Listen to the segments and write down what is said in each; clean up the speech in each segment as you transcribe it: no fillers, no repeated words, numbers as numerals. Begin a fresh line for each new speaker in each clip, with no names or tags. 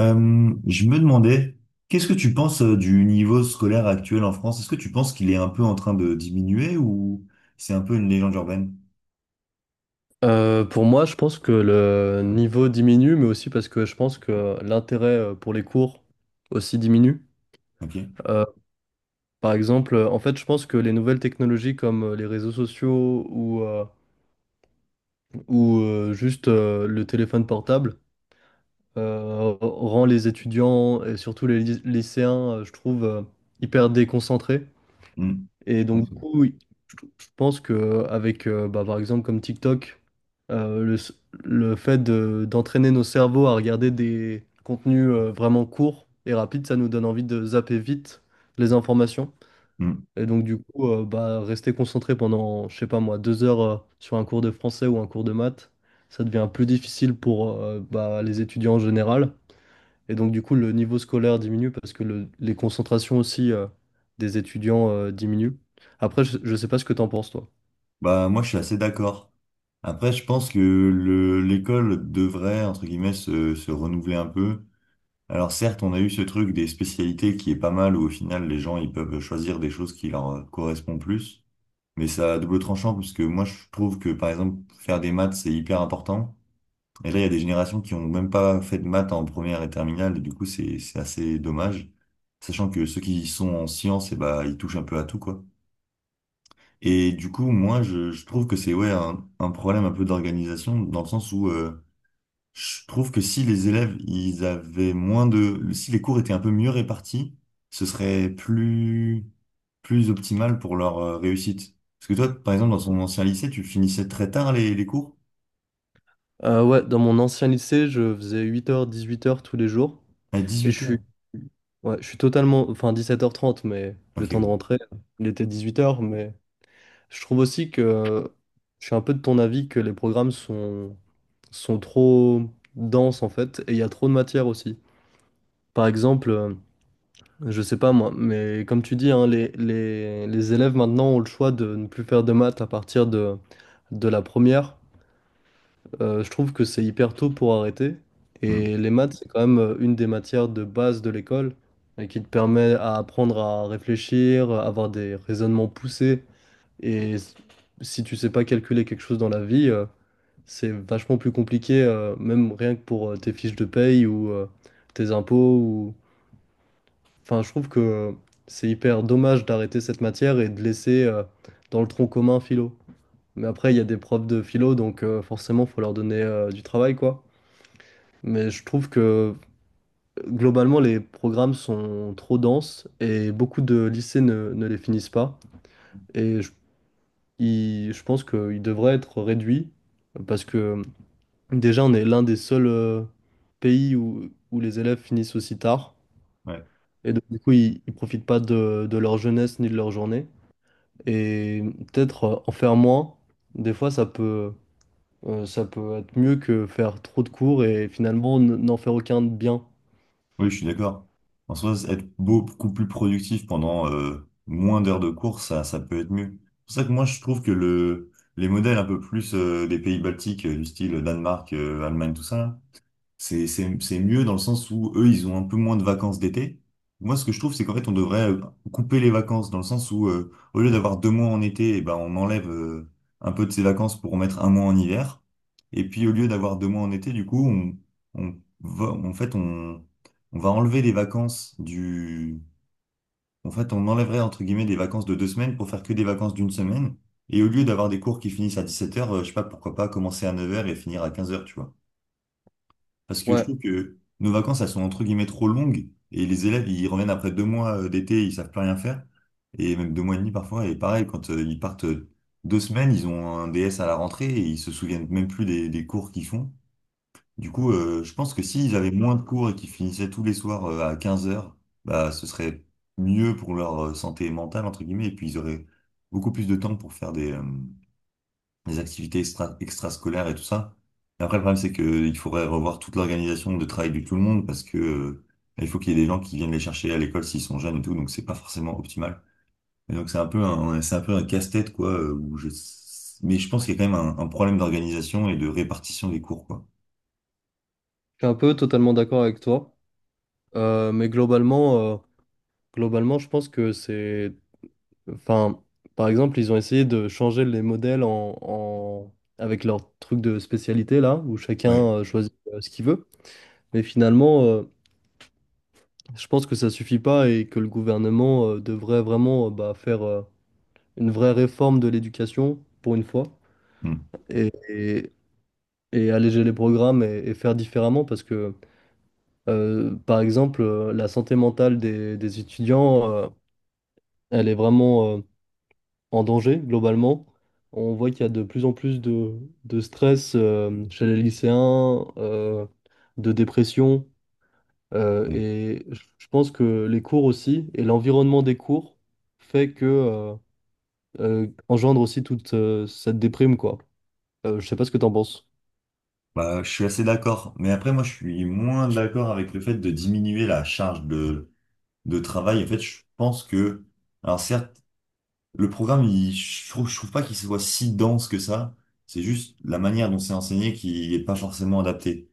Je me demandais, qu'est-ce que tu penses du niveau scolaire actuel en France? Est-ce que tu penses qu'il est un peu en train de diminuer ou c'est un peu une légende urbaine?
Pour moi, je pense que le niveau diminue, mais aussi parce que je pense que l'intérêt pour les cours aussi diminue.
Ok.
Euh, En fait, je pense que les nouvelles technologies comme les réseaux sociaux ou juste le téléphone portable rend les étudiants et surtout les lycéens, je trouve, hyper déconcentrés.
Hmm. Je
Et donc,
pense.
du coup, oui, je pense que par exemple, comme TikTok, euh, le, s- le fait d'entraîner nos cerveaux à regarder des contenus vraiment courts et rapides, ça nous donne envie de zapper vite les informations.
Hmm.
Et donc, du coup, rester concentré pendant, je sais pas moi, 2 heures sur un cours de français ou un cours de maths, ça devient plus difficile pour les étudiants en général. Et donc, du coup, le niveau scolaire diminue parce que les concentrations aussi des étudiants diminuent. Après, je sais pas ce que t'en penses, toi.
Bah moi je suis assez d'accord. Après je pense que le l'école devrait entre guillemets se renouveler un peu. Alors certes on a eu ce truc des spécialités qui est pas mal où au final les gens ils peuvent choisir des choses qui leur correspondent plus. Mais ça à double tranchant parce que moi je trouve que par exemple faire des maths c'est hyper important. Et là, il y a des générations qui ont même pas fait de maths en première et terminale, et du coup, c'est assez dommage. Sachant que ceux qui sont en sciences, et bah, ils touchent un peu à tout, quoi. Et du coup, moi, je trouve que c'est, ouais, un problème un peu d'organisation, dans le sens où, je trouve que si les élèves, ils avaient moins de, si les cours étaient un peu mieux répartis, ce serait plus, plus optimal pour leur réussite. Parce que toi, par exemple, dans ton ancien lycée, tu finissais très tard les cours,
Ouais, dans mon ancien lycée, je faisais 8h, 18h tous les jours.
à
Et je
dix-huit heures.
suis, ouais, je suis totalement, enfin 17h30, mais
Ok,
le temps de
ouais.
rentrer, il était 18h. Mais je trouve aussi que je suis un peu de ton avis que les programmes sont trop denses, en fait, et il y a trop de matière aussi. Par exemple, je sais pas moi, mais comme tu dis, hein, les élèves maintenant ont le choix de ne plus faire de maths à partir de la première. Je trouve que c'est hyper tôt pour arrêter.
Hmm.
Et les maths, c'est quand même une des matières de base de l'école et qui te permet à apprendre à réfléchir, à avoir des raisonnements poussés. Et s- Si tu sais pas calculer quelque chose dans la vie, c'est vachement plus compliqué, même rien que pour tes fiches de paye ou tes impôts. Enfin, je trouve que c'est hyper dommage d'arrêter cette matière et de laisser dans le tronc commun philo. Mais après, il y a des profs de philo, donc forcément, faut leur donner du travail, quoi. Mais je trouve que globalement, les programmes sont trop denses et beaucoup de lycées ne les finissent pas. Et je, je pense qu'ils devraient être réduits parce que déjà, on est l'un des seuls pays où les élèves finissent aussi tard.
Ouais.
Et donc, du coup, ils ne profitent pas de leur jeunesse ni de leur journée. Et peut-être en faire moins. Des fois, ça peut être mieux que faire trop de cours et finalement n'en faire aucun de bien.
Oui, je suis d'accord. En soi, être beaucoup plus productif pendant moins d'heures de course, ça peut être mieux. C'est pour ça que moi, je trouve que les modèles un peu plus des pays baltiques, du style Danemark, Allemagne, tout ça, c'est mieux dans le sens où eux, ils ont un peu moins de vacances d'été. Moi, ce que je trouve, c'est qu'en fait, on devrait couper les vacances dans le sens où, au lieu d'avoir deux mois en été, eh ben, on enlève un peu de ces vacances pour mettre un mois en hiver. Et puis, au lieu d'avoir deux mois en été, du coup, on va, en fait, on, on va enlever les vacances en fait, on enlèverait entre guillemets des vacances de deux semaines pour faire que des vacances d'une semaine. Et au lieu d'avoir des cours qui finissent à 17 heures je sais pas, pourquoi pas commencer à neuf heures et finir à quinze heures tu vois. Parce que je
Ouais,
trouve que nos vacances, elles sont entre guillemets trop longues et les élèves, ils reviennent après deux mois d'été, ils savent plus rien faire. Et même deux mois et demi parfois. Et pareil, quand ils partent deux semaines, ils ont un DS à la rentrée et ils se souviennent même plus des cours qu'ils font. Du coup, je pense que s'ils avaient moins de cours et qu'ils finissaient tous les soirs à 15 heures bah, ce serait mieux pour leur santé mentale, entre guillemets, et puis ils auraient beaucoup plus de temps pour faire les activités extrascolaires et tout ça. Et après, le problème, c'est que il faudrait revoir toute l'organisation de travail de tout le monde parce que il faut qu'il y ait des gens qui viennent les chercher à l'école s'ils sont jeunes et tout, donc c'est pas forcément optimal. Et donc c'est un peu un casse-tête quoi. Où je... Mais je pense qu'il y a quand même un problème d'organisation et de répartition des cours quoi.
je suis un peu totalement d'accord avec toi. Euh, mais globalement, euh, Globalement, je pense que c'est... Enfin, par exemple, ils ont essayé de changer les modèles avec leur truc de spécialité, là, où chacun
Ouais.
choisit ce qu'il veut. Mais finalement, je pense que ça suffit pas et que le gouvernement devrait vraiment faire... une vraie réforme de l'éducation, pour une fois,
Hmm.
et, et- et alléger les programmes et faire différemment, parce que, la santé mentale des étudiants, elle est vraiment, euh, en danger, globalement. On voit qu'il y a de plus en plus de stress, chez les lycéens, de dépression,
Oui.
et je pense que les cours aussi, et l'environnement des cours, fait que... euh, engendre aussi toute cette déprime, quoi. Je sais pas ce que t'en penses.
Bah, je suis assez d'accord, mais après moi je suis moins d'accord avec le fait de diminuer la charge de travail. En fait, je pense que, alors certes, Le programme, je trouve pas qu'il soit si dense que ça. C'est juste la manière dont c'est enseigné qui est pas forcément adaptée.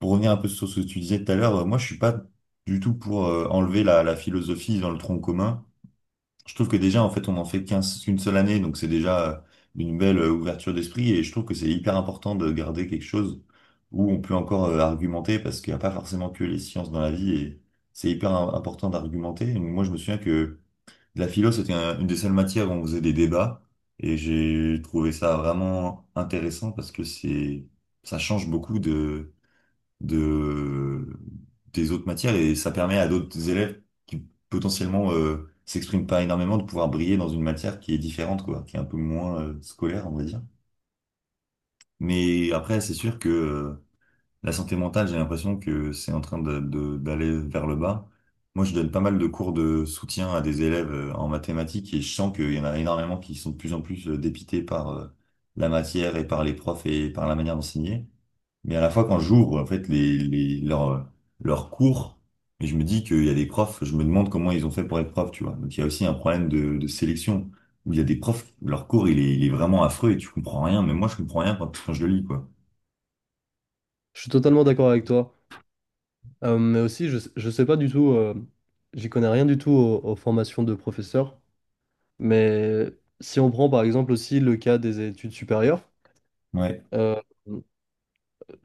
Pour revenir un peu sur ce que tu disais tout à l'heure, moi, je suis pas du tout pour enlever la philosophie dans le tronc commun. Je trouve que déjà, en fait, on en fait qu'une seule année, donc c'est déjà une belle ouverture d'esprit et je trouve que c'est hyper important de garder quelque chose où on peut encore argumenter parce qu'il n'y a pas forcément que les sciences dans la vie et c'est important d'argumenter. Donc, moi, je me souviens que la philo, c'était une des seules matières où on faisait des débats et j'ai trouvé ça vraiment intéressant parce que ça change beaucoup de, des autres matières et ça permet à d'autres élèves qui potentiellement s'expriment pas énormément de pouvoir briller dans une matière qui est différente, quoi, qui est un peu moins scolaire, on va dire. Mais après, c'est sûr que la santé mentale, j'ai l'impression que c'est en train d'aller vers le bas. Moi, je donne pas mal de cours de soutien à des élèves en mathématiques et je sens qu'il y en a énormément qui sont de plus en plus dépités par la matière et par les profs et par la manière d'enseigner. Mais à la fois, quand j'ouvre, en fait, leurs cours, et je me dis qu'il y a des profs, je me demande comment ils ont fait pour être profs, tu vois. Donc, il y a aussi un problème de sélection où il y a des profs, leur cours, il est vraiment affreux et tu comprends rien. Mais moi, je comprends rien quand je le lis, quoi.
Je suis totalement d'accord avec toi. Je sais pas du tout, j'y connais rien du tout aux formations de professeurs. Mais si on prend par exemple aussi le cas des études supérieures,
Ouais.
euh,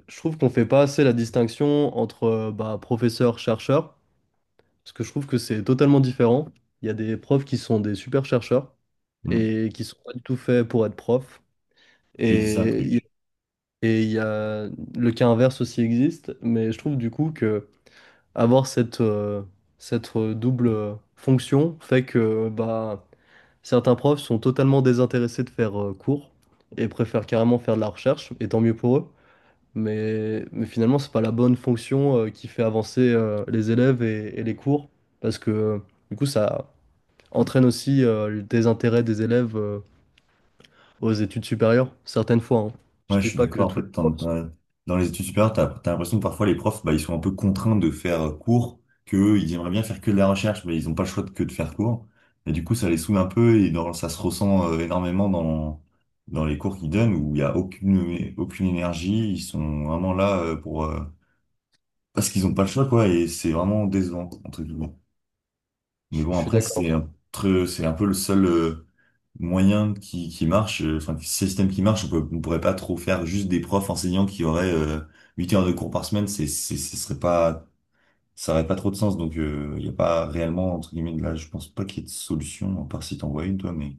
je trouve qu'on fait pas assez la distinction entre professeur-chercheur, parce que je trouve que c'est totalement différent. Il y a des profs qui sont des super chercheurs
Mm.
et qui sont pas du tout faits pour être profs.
Mais c'est ça le
Et il y
truc.
et il y a le cas inverse aussi existe, mais je trouve du coup que avoir cette, cette double fonction fait que bah, certains profs sont totalement désintéressés de faire cours et préfèrent carrément faire de la recherche, et tant mieux pour eux. Mais finalement, c'est pas la bonne fonction qui fait avancer les élèves et les cours, parce que du coup, ça entraîne aussi le désintérêt des élèves aux études supérieures, certaines fois, hein. Je
Ouais, je
dis
suis
pas que
d'accord. En
tous les
fait, t'en-
profs...
t'en- Dans les études supérieures, t'as l'impression que parfois les profs, bah, ils sont un peu contraints de faire cours, qu'eux, ils aimeraient bien faire que de la recherche, mais ils n'ont pas que de faire cours. Et du coup, ça les saoule un peu ça se ressent énormément dans les cours qu'ils donnent où il n'y a aucune énergie. Ils sont vraiment là parce qu'ils n'ont pas le choix, quoi, et c'est vraiment décevant, entre guillemets. Mais bon,
Je suis
après,
d'accord.
c'est un peu le seul moyen qui marche, système qui marche, on pourrait pas trop faire juste des profs enseignants qui auraient 8 heures de cours par semaine, ce serait pas, ça aurait pas trop de sens, donc il n'y a pas réellement, entre guillemets, de là, je pense pas qu'il y ait de solution, à part si t'en vois une, toi, mais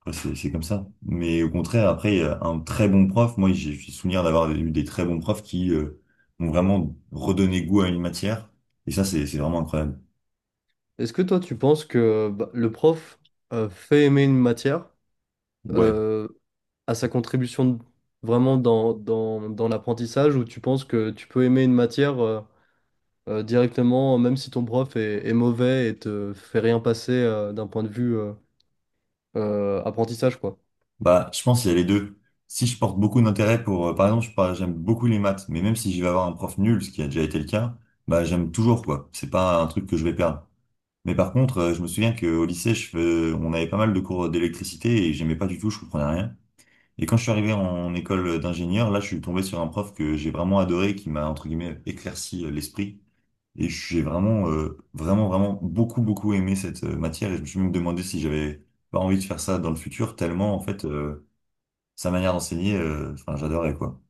après, c'est comme ça. Mais au contraire, après, il y a un très bon prof, moi, j'ai souvenir d'avoir eu des très bons profs qui m'ont vraiment redonné goût à une matière, et ça, c'est vraiment incroyable.
Est-ce que toi, tu penses que bah, le prof fait aimer une matière
Ouais.
euh, à sa contribution vraiment dans l'apprentissage, ou tu penses que tu peux aimer une matière directement, même si ton prof est mauvais et te fait rien passer d'un point de vue apprentissage, quoi?
Bah, je pense qu'il y a les deux. Si je porte beaucoup d'intérêt pour, par exemple, j'aime beaucoup les maths, mais même si je vais avoir un prof nul, ce qui a déjà été le cas, bah, j'aime toujours, quoi. C'est pas un truc que je vais perdre. Mais par contre, je me souviens qu'au lycée, on avait pas mal de cours d'électricité et j'aimais pas du tout, je comprenais rien. Et quand je suis arrivé en école d'ingénieur, là, je suis tombé sur un prof que j'ai vraiment adoré, qui m'a, entre guillemets, éclairci l'esprit. Et j'ai vraiment, beaucoup aimé cette matière et je me suis même demandé si j'avais pas envie de faire ça dans le futur, tellement, en fait, sa manière d'enseigner, enfin, j'adorais, quoi.